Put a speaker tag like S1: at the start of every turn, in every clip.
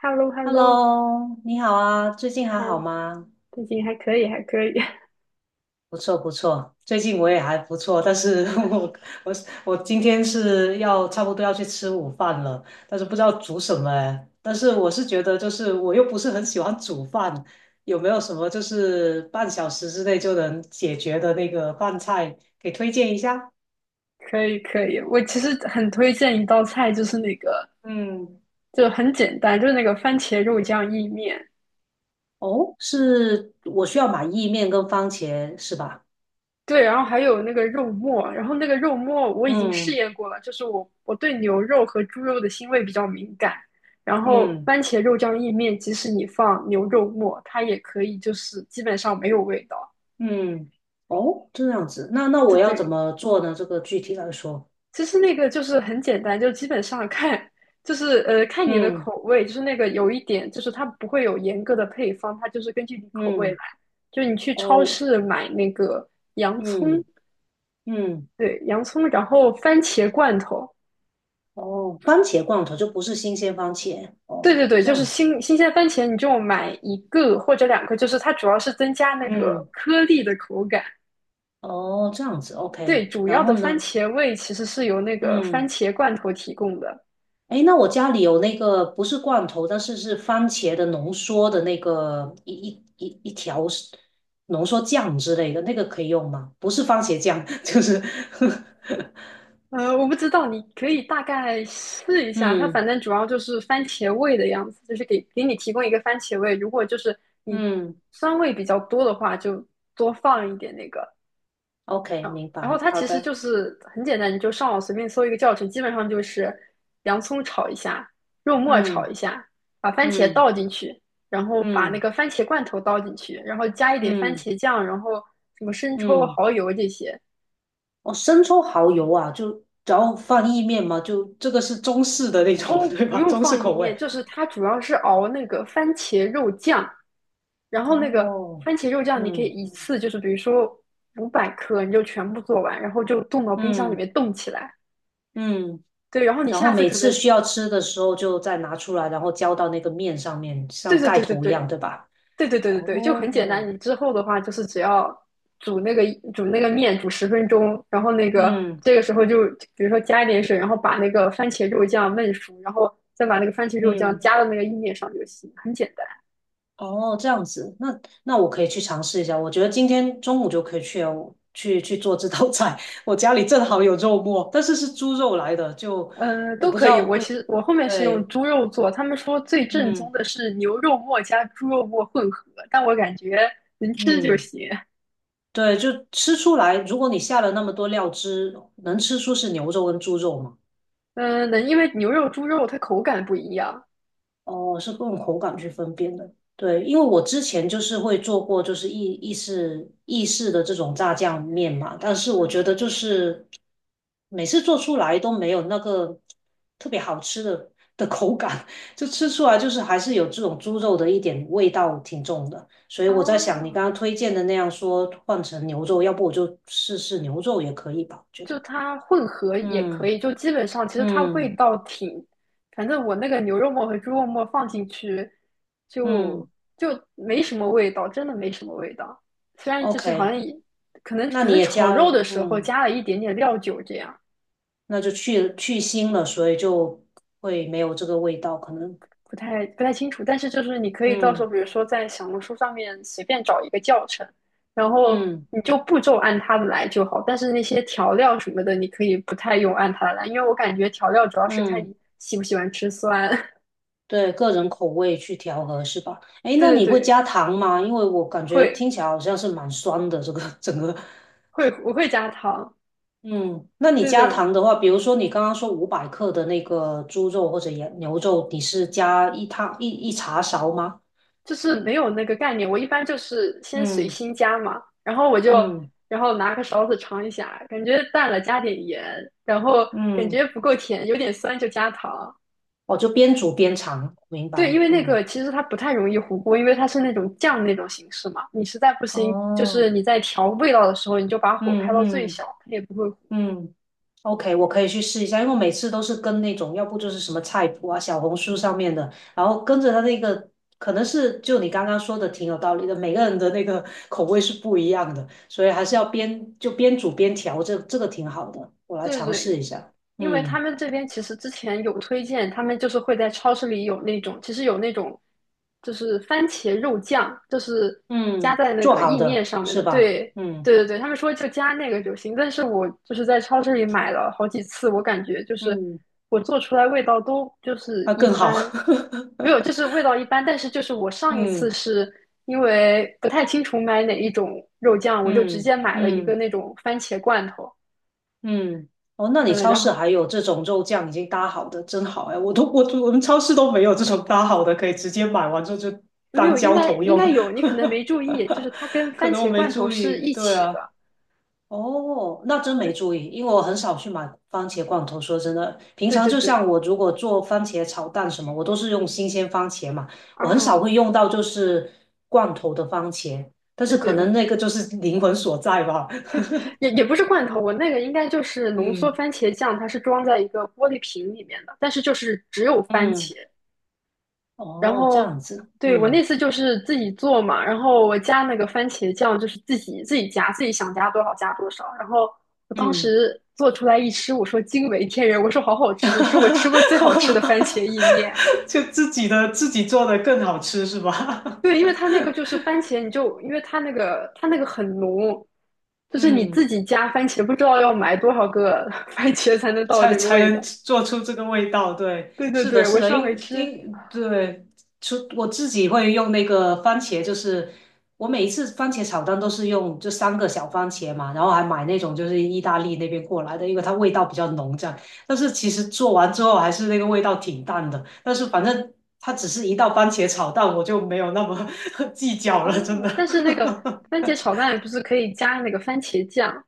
S1: hello hello
S2: Hello，你好啊，最
S1: 你
S2: 近还好
S1: 好，
S2: 吗？
S1: 最近还可以，还可以。
S2: 不错不错，最近我也还不错，但是 我我今天是要差不多要去吃午饭了，但是不知道煮什么哎。但是我是觉得就是我又不是很喜欢煮饭，有没有什么就是半小时之内就能解决的那个饭菜给推荐一下？
S1: 可以，可以。我其实很推荐一道菜，就是那个，
S2: 嗯，
S1: 就很简单，就是那个番茄肉酱意面。
S2: 哦，是我需要买意面跟番茄是吧？
S1: 对，然后还有那个肉末，然后那个肉末我已经试
S2: 嗯
S1: 验过了，就是我对牛肉和猪肉的腥味比较敏感，然后
S2: 嗯。
S1: 番茄肉酱意面，即使你放牛肉末，它也可以，就是基本上没有味道。
S2: 嗯，哦，这样子，那我
S1: 对
S2: 要怎
S1: 对，
S2: 么做呢？这个具体来说，
S1: 其实那个就是很简单，就基本上看，就是看你的
S2: 嗯
S1: 口味，就是那个有一点，就是它不会有严格的配方，它就是根据你口味来。
S2: 嗯，
S1: 就你去超
S2: 哦，
S1: 市买那个洋葱，
S2: 嗯嗯，
S1: 对，洋葱，然后番茄罐头，
S2: 哦，番茄罐头就不是新鲜番茄，
S1: 对
S2: 哦，
S1: 对对，
S2: 这
S1: 就是
S2: 样子，
S1: 新鲜番茄，你就买一个或者两个，就是它主要是增加那个
S2: 嗯，
S1: 颗粒的口感。
S2: 哦，这样子
S1: 对，
S2: ，OK，
S1: 主
S2: 然
S1: 要的
S2: 后
S1: 番
S2: 呢，
S1: 茄味其实是由那个番
S2: 嗯，
S1: 茄罐头提供的。
S2: 诶，那我家里有那个不是罐头，但是是番茄的浓缩的那个一条是浓缩酱之类的，那个可以用吗？不是番茄酱，就是
S1: 我不知道，你可以大概试一 下。它反
S2: 嗯。
S1: 正主要就是番茄味的样子，就是给你提供一个番茄味。如果就是你
S2: 嗯
S1: 酸味比较多的话，就多放一点那个。
S2: OK，
S1: 嗯，
S2: 明
S1: 然后
S2: 白，
S1: 它
S2: 好
S1: 其实
S2: 的，
S1: 就是很简单，你就上网随便搜一个教程，基本上就是洋葱炒一下，肉末炒
S2: 嗯
S1: 一下，把番茄
S2: 嗯
S1: 倒进去，然后把那
S2: 嗯
S1: 个番茄罐头倒进去，然后加一点番
S2: 嗯
S1: 茄酱，然后什么生抽、
S2: 嗯，
S1: 蚝油这些。
S2: 哦，生抽蚝油啊，就只要放意面嘛，就这个是中式的那种，
S1: 哦，
S2: 对
S1: 不
S2: 吧？
S1: 用
S2: 中式
S1: 放意
S2: 口味。
S1: 面，就是它主要是熬那个番茄肉酱，然后那个
S2: 哦，
S1: 番茄肉酱你可以
S2: 嗯
S1: 一次就是比如说500克，你就全部做完，然后就冻到冰箱里
S2: 嗯
S1: 面冻起来。
S2: 嗯，
S1: 对，然后你
S2: 然后
S1: 下次
S2: 每
S1: 可
S2: 次
S1: 能，
S2: 需要吃的时候就再拿出来，然后浇到那个面上面，
S1: 对
S2: 像
S1: 对
S2: 盖
S1: 对对
S2: 头一样，
S1: 对
S2: 对吧？
S1: 对对对对对，就很简单。
S2: 哦，
S1: 你之后的话就是只要煮那个煮那个面煮10分钟，然后那个
S2: 嗯
S1: 这个时候就比如说加一点水，然后把那个番茄肉酱焖熟，然后再把那个番茄肉酱
S2: 嗯。
S1: 加到那个意面上就行，很简单。
S2: 哦，这样子，那我可以去尝试一下。我觉得今天中午就可以去哦去做这道菜。我家里正好有肉末，但是是猪肉来的，就
S1: 嗯，
S2: 我
S1: 都
S2: 不知
S1: 可以。
S2: 道
S1: 我其实
S2: 味。
S1: 我后面是用
S2: 对，
S1: 猪肉做，他们说最正宗
S2: 嗯
S1: 的是牛肉末加猪肉末混合，但我感觉能吃就
S2: 嗯，
S1: 行。
S2: 对，就吃出来。如果你下了那么多料汁，能吃出是牛肉跟猪肉吗？
S1: 嗯、能，因为牛肉、猪肉它口感不一样。
S2: 哦，是用口感去分辨的。对，因为我之前就是会做过，就是意式的这种炸酱面嘛，但是我
S1: 嗯
S2: 觉得就是每次做出来都没有那个特别好吃的的口感，就吃出来就是还是有这种猪肉的一点味道挺重的。所以我在想，你
S1: 啊，
S2: 刚刚推荐的那样说换成牛肉，要不我就试试牛肉也可以吧？我觉
S1: 就
S2: 得，
S1: 它混合也可
S2: 嗯
S1: 以，就基本上其实它味
S2: 嗯
S1: 道挺，反正我那个牛肉末和猪肉末放进去就
S2: 嗯
S1: 就没什么味道，真的没什么味道。虽然就是好
S2: ，OK，
S1: 像也可能
S2: 那
S1: 可
S2: 你
S1: 能
S2: 也
S1: 炒
S2: 加
S1: 肉
S2: 了，
S1: 的时候
S2: 嗯。
S1: 加了一点点料酒这样。
S2: 那就去腥了，所以就会没有这个味道，可能，
S1: 不太清楚，但是就是你可以到时候，
S2: 嗯
S1: 比如说在小红书上面随便找一个教程，然后
S2: 嗯
S1: 你就步骤按它的来就好。但是那些调料什么的，你可以不太用按它的来，因为我感觉调料主要是看
S2: 嗯，
S1: 你喜不喜欢吃酸。
S2: 对，个人口味去调和是吧？诶，那
S1: 对对
S2: 你会
S1: 对，
S2: 加糖吗？因为我感觉
S1: 会
S2: 听起来好像是蛮酸的，这个整个，
S1: 我会加糖，
S2: 嗯，那你
S1: 对
S2: 加
S1: 对，
S2: 糖的话，比如说你刚刚说500克的那个猪肉或者羊牛肉，你是加一汤一茶勺吗？
S1: 就是没有那个概念。我一般就是先随
S2: 嗯
S1: 心加嘛，然后我就
S2: 嗯
S1: 然后拿个勺子尝一下，感觉淡了加点盐，然后感
S2: 嗯，
S1: 觉不够甜，有点酸就加糖。
S2: 哦，就边煮边尝，明
S1: 对，因
S2: 白，
S1: 为那
S2: 嗯，
S1: 个其实它不太容易糊锅，因为它是那种酱那种形式嘛。你实在不行，就是
S2: 哦，
S1: 你在调味道的时候，你就把火
S2: 嗯
S1: 开到最
S2: 嗯。
S1: 小，它也不会糊。
S2: 嗯 OK，我可以去试一下，因为我每次都是跟那种，要不就是什么菜谱啊、小红书上面的，然后跟着他那个，可能是就你刚刚说的挺有道理的，每个人的那个 口味是不一样的，所以还是要边就边煮边调，这个挺好的，我来
S1: 对
S2: 尝
S1: 对
S2: 试一
S1: 对，
S2: 下。
S1: 因为他
S2: 嗯
S1: 们这边其实之前有推荐，他们就是会在超市里有那种，其实有那种就是番茄肉酱，就是加
S2: 嗯，
S1: 在那
S2: 做
S1: 个
S2: 好
S1: 意面
S2: 的
S1: 上面
S2: 是
S1: 的。
S2: 吧？
S1: 对，
S2: 嗯
S1: 对对对，他们说就加那个就行。但是我就是在超市里买了好几次，我感觉就是
S2: 嗯，
S1: 我做出来味道都就是
S2: 那
S1: 一
S2: 更好。
S1: 般，没有，就是 味道一般。但是就是我上一次
S2: 嗯
S1: 是因为不太清楚买哪一种肉酱，我就直
S2: 嗯
S1: 接买了一个
S2: 嗯。
S1: 那种番茄罐头。
S2: 嗯，哦，那你
S1: 嗯，
S2: 超市还有这种肉酱已经搭好的，真好哎！我们超市都没有这种搭好的，可以直接买完之后就
S1: 没
S2: 当
S1: 有，应
S2: 浇
S1: 该
S2: 头
S1: 应该
S2: 用。
S1: 有，你可能没注意，就是它跟
S2: 可
S1: 番
S2: 能我
S1: 茄
S2: 没
S1: 罐头
S2: 注
S1: 是
S2: 意，
S1: 一
S2: 对
S1: 起的。
S2: 啊，哦，那真没
S1: 对
S2: 注意，因为我很少去买番茄罐头。说真的，平
S1: 对
S2: 常
S1: 对
S2: 就像
S1: 对，
S2: 我如果做番茄炒蛋什么，我都是用新鲜番茄嘛，我很少
S1: 啊，
S2: 会用到就是罐头的番茄，但是
S1: 对
S2: 可
S1: 对，
S2: 能那个就是灵魂所在吧。
S1: 也不是罐头，我那个应该就是 浓缩
S2: 嗯，
S1: 番茄酱，它是装在一个玻璃瓶里面的，但是就是只有番
S2: 嗯。
S1: 茄。然
S2: 哦，这
S1: 后，
S2: 样子，
S1: 对，我
S2: 嗯
S1: 那次就是自己做嘛，然后我加那个番茄酱就是自己加，自己想加多少加多少。然后我当
S2: 嗯，
S1: 时做出来一吃，我说惊为天人，我说好好吃，是我吃过最好吃的番茄意面。
S2: 就自己做的更好吃是吧？
S1: 对，因为它那个就是 番茄，你就因为它那个很浓，就是你
S2: 嗯。
S1: 自己加番茄，不知道要买多少个 番茄才能到
S2: 才
S1: 这个
S2: 才
S1: 味
S2: 能
S1: 道。
S2: 做出这个味道。对，
S1: 对对
S2: 是的，
S1: 对，
S2: 是
S1: 我
S2: 的，
S1: 上回
S2: 因
S1: 吃
S2: 因对，出我自己会用那个番茄，就是我每一次番茄炒蛋都是用这三个小番茄嘛，然后还买那种就是意大利那边过来的，因为它味道比较浓这样。但是其实做完之后还是那个味道挺淡的，但是反正它只是一道番茄炒蛋，我就没有那么 计较
S1: 啊，
S2: 了，真的。
S1: 但是那个 番茄炒蛋不是可以加那个番茄酱？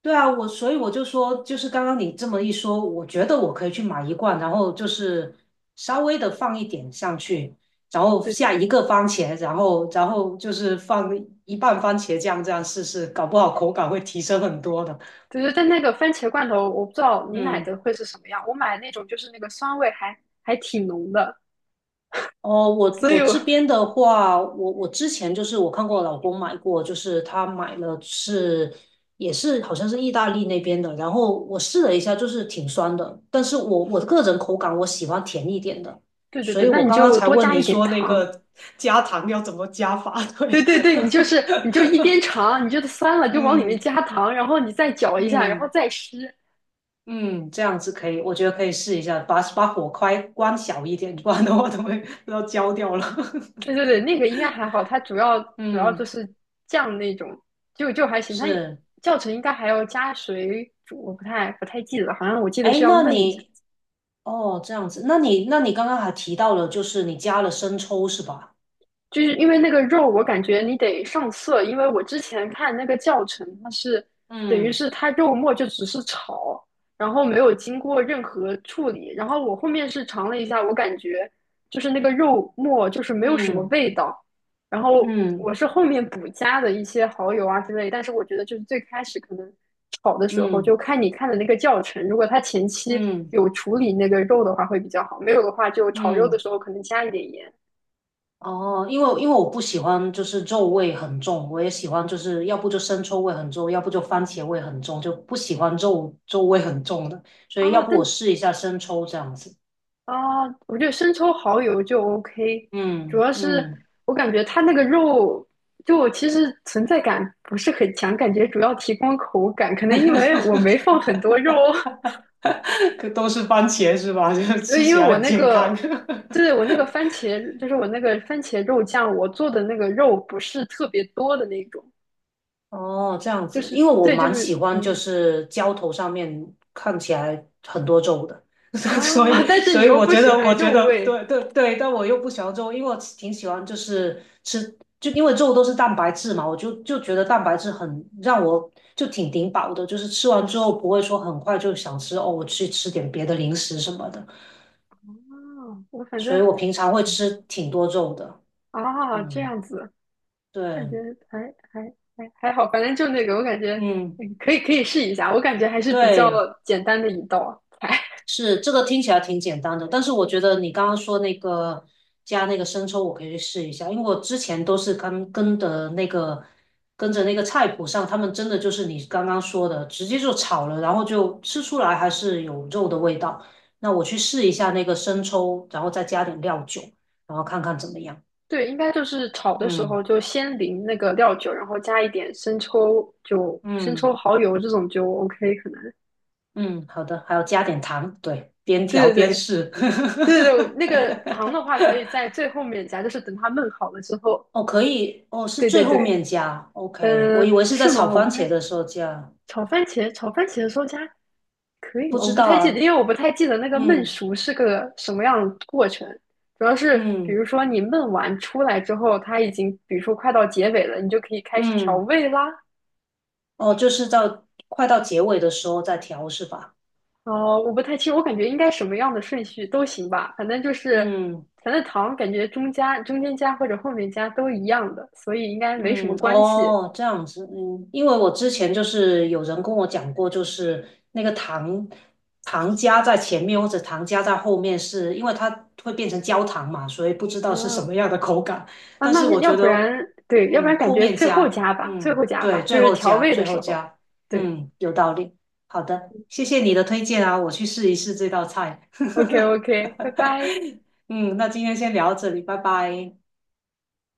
S2: 对啊，我所以我就说，就是刚刚你这么一说，我觉得我可以去买一罐，然后就是稍微的放一点上去，然后
S1: 对对
S2: 下
S1: 对，
S2: 一个番茄，然后就是放一半番茄酱这样试试，搞不好口感会提升很多的。
S1: 就是但那个番茄罐头，我不知道你买
S2: 嗯。
S1: 的会是什么样。我买那种就是那个酸味还挺浓的，
S2: 哦，我
S1: 所以
S2: 我
S1: 我
S2: 这边的话，我之前就是我看过我老公买过，就是他买了是也是好像是意大利那边的，然后我试了一下，就是挺酸的，但是我个人口感我喜欢甜一点的，
S1: 对对
S2: 所
S1: 对，
S2: 以
S1: 那
S2: 我
S1: 你
S2: 刚刚
S1: 就
S2: 才
S1: 多
S2: 问
S1: 加一
S2: 你
S1: 点
S2: 说那
S1: 糖。
S2: 个 加糖要怎么加法，
S1: 对
S2: 对，
S1: 对对，你就一边尝，你觉得酸了 就往里面
S2: 嗯
S1: 加糖，然后你再搅一下，然后
S2: 嗯
S1: 再吃。
S2: 嗯，这样子可以，我觉得可以试一下，把火开关小一点，不然的话都会都要焦掉了，
S1: 对对对，那个应该还好，它主要 主要就
S2: 嗯，
S1: 是酱那种，就还行。它
S2: 是。
S1: 教程应该还要加水煮，我不太记得，好像我记得是
S2: 哎，
S1: 要
S2: 那
S1: 焖一下。
S2: 你哦这样子，那你刚刚还提到了，就是你加了生抽是吧？
S1: 就是因为那个肉，我感觉你得上色，因为我之前看那个教程，它是等于
S2: 嗯
S1: 是它肉末就只是炒，然后没有经过任何处理。然后我后面是尝了一下，我感觉就是那个肉末就是没有什么
S2: 嗯
S1: 味道。然后我
S2: 嗯
S1: 是后面补加的一些蚝油啊之类，但是我觉得就是最开始可能炒的时候，
S2: 嗯
S1: 就看你看的那个教程，如果它前期
S2: 嗯
S1: 有处理那个肉的话会比较好，没有的话就炒肉的
S2: 嗯，
S1: 时候可能加一点盐。
S2: 哦，因为我不喜欢就是肉味很重，我也喜欢就是要不就生抽味很重，要不就番茄味很重，就不喜欢肉味很重的，所以要
S1: 啊，
S2: 不我试一下生抽这样子。
S1: 我觉得生抽、蚝油就 OK，主
S2: 嗯
S1: 要是
S2: 嗯，
S1: 我感觉它那个肉就我其实存在感不是很强，感觉主要提供口感，可能因为我没放很多肉，
S2: 可都是番茄是吧？就是
S1: 对，
S2: 吃
S1: 因
S2: 起
S1: 为
S2: 来
S1: 我
S2: 很
S1: 那
S2: 健康。
S1: 个，对，我那个番茄，就是我那个番茄肉酱，我做的那个肉不是特别多的那种，
S2: 哦，这样
S1: 就
S2: 子，
S1: 是
S2: 因为我
S1: 对，就
S2: 蛮喜
S1: 是
S2: 欢就
S1: 嗯
S2: 是浇头上面看起来很多皱的，所以
S1: 但是你
S2: 所以
S1: 又
S2: 我
S1: 不
S2: 觉
S1: 喜
S2: 得我
S1: 欢
S2: 觉
S1: 肉
S2: 得对
S1: 味，
S2: 对对，但我又不喜欢皱，因为我挺喜欢就是吃，就因为皱都是蛋白质嘛，我就觉得蛋白质很让我就挺顶饱的，就是吃完之后不会说很快就想吃哦，我去吃点别的零食什么的，
S1: 啊，我反
S2: 所
S1: 正
S2: 以我平常会吃挺多肉的，
S1: 啊这
S2: 嗯，
S1: 样子。感
S2: 对，
S1: 觉还还还好，反正就那个，我感觉
S2: 嗯，
S1: 可以试一下，我感觉还是比较
S2: 对。
S1: 简单的一道啊。
S2: 是这个听起来挺简单的，但是我觉得你刚刚说那个加那个生抽，我可以去试一下，因为我之前都是跟的那个跟着那个菜谱上，他们真的就是你刚刚说的，直接就炒了，然后就吃出来还是有肉的味道。那我去试一下那个生抽，然后再加点料酒，然后看看怎么样。
S1: 对，应该就是炒的时
S2: 嗯
S1: 候就先淋那个料酒，然后加一点生抽，就生
S2: 嗯
S1: 抽、蚝油这种就 OK，可能。
S2: 嗯，好的，还要加点糖，对，边调
S1: 对对
S2: 边
S1: 对
S2: 试。
S1: 对对对，那个糖的 话可以在最后面加，就是等它焖好了之后。
S2: 哦，可以，哦，是
S1: 对
S2: 最
S1: 对
S2: 后
S1: 对，
S2: 面加，OK，我以
S1: 嗯、
S2: 为是在
S1: 是
S2: 炒
S1: 吗？我
S2: 番
S1: 不
S2: 茄
S1: 太，
S2: 的时候加，
S1: 炒番茄的时候加。可以
S2: 不
S1: 吗？我
S2: 知
S1: 不
S2: 道
S1: 太记得，
S2: 啊，
S1: 因为我不太记得那个焖
S2: 嗯
S1: 熟是个什么样的过程。主要是，比
S2: 嗯
S1: 如说你焖完出来之后，它已经，比如说快到结尾了，你就可以开始调
S2: 嗯，
S1: 味啦。
S2: 哦，就是到快到结尾的时候再调是吧？
S1: 哦，我不太清，我感觉应该什么样的顺序都行吧，反正就是，
S2: 嗯。
S1: 反正糖感觉中间加或者后面加都一样的，所以应该没什
S2: 嗯，
S1: 么关系。
S2: 哦，这样子，嗯，因为我之前就是有人跟我讲过，就是那个糖加在前面或者糖加在后面是，因为它会变成焦糖嘛，所以不知道是什
S1: 啊
S2: 么样的口感。
S1: 啊，
S2: 但是
S1: 那
S2: 我
S1: 要
S2: 觉
S1: 不
S2: 得，
S1: 然对，要不然
S2: 嗯，
S1: 感
S2: 后
S1: 觉
S2: 面
S1: 最后
S2: 加，
S1: 加吧，最
S2: 嗯，
S1: 后加吧，
S2: 对，
S1: 就
S2: 最
S1: 是
S2: 后
S1: 调
S2: 加，
S1: 味的
S2: 最后
S1: 时候。
S2: 加，
S1: 对
S2: 嗯，有道理。好的，谢谢你的推荐啊，我去试一试这道菜。
S1: ，OK OK，拜拜。
S2: 嗯，那今天先聊到这里，拜拜。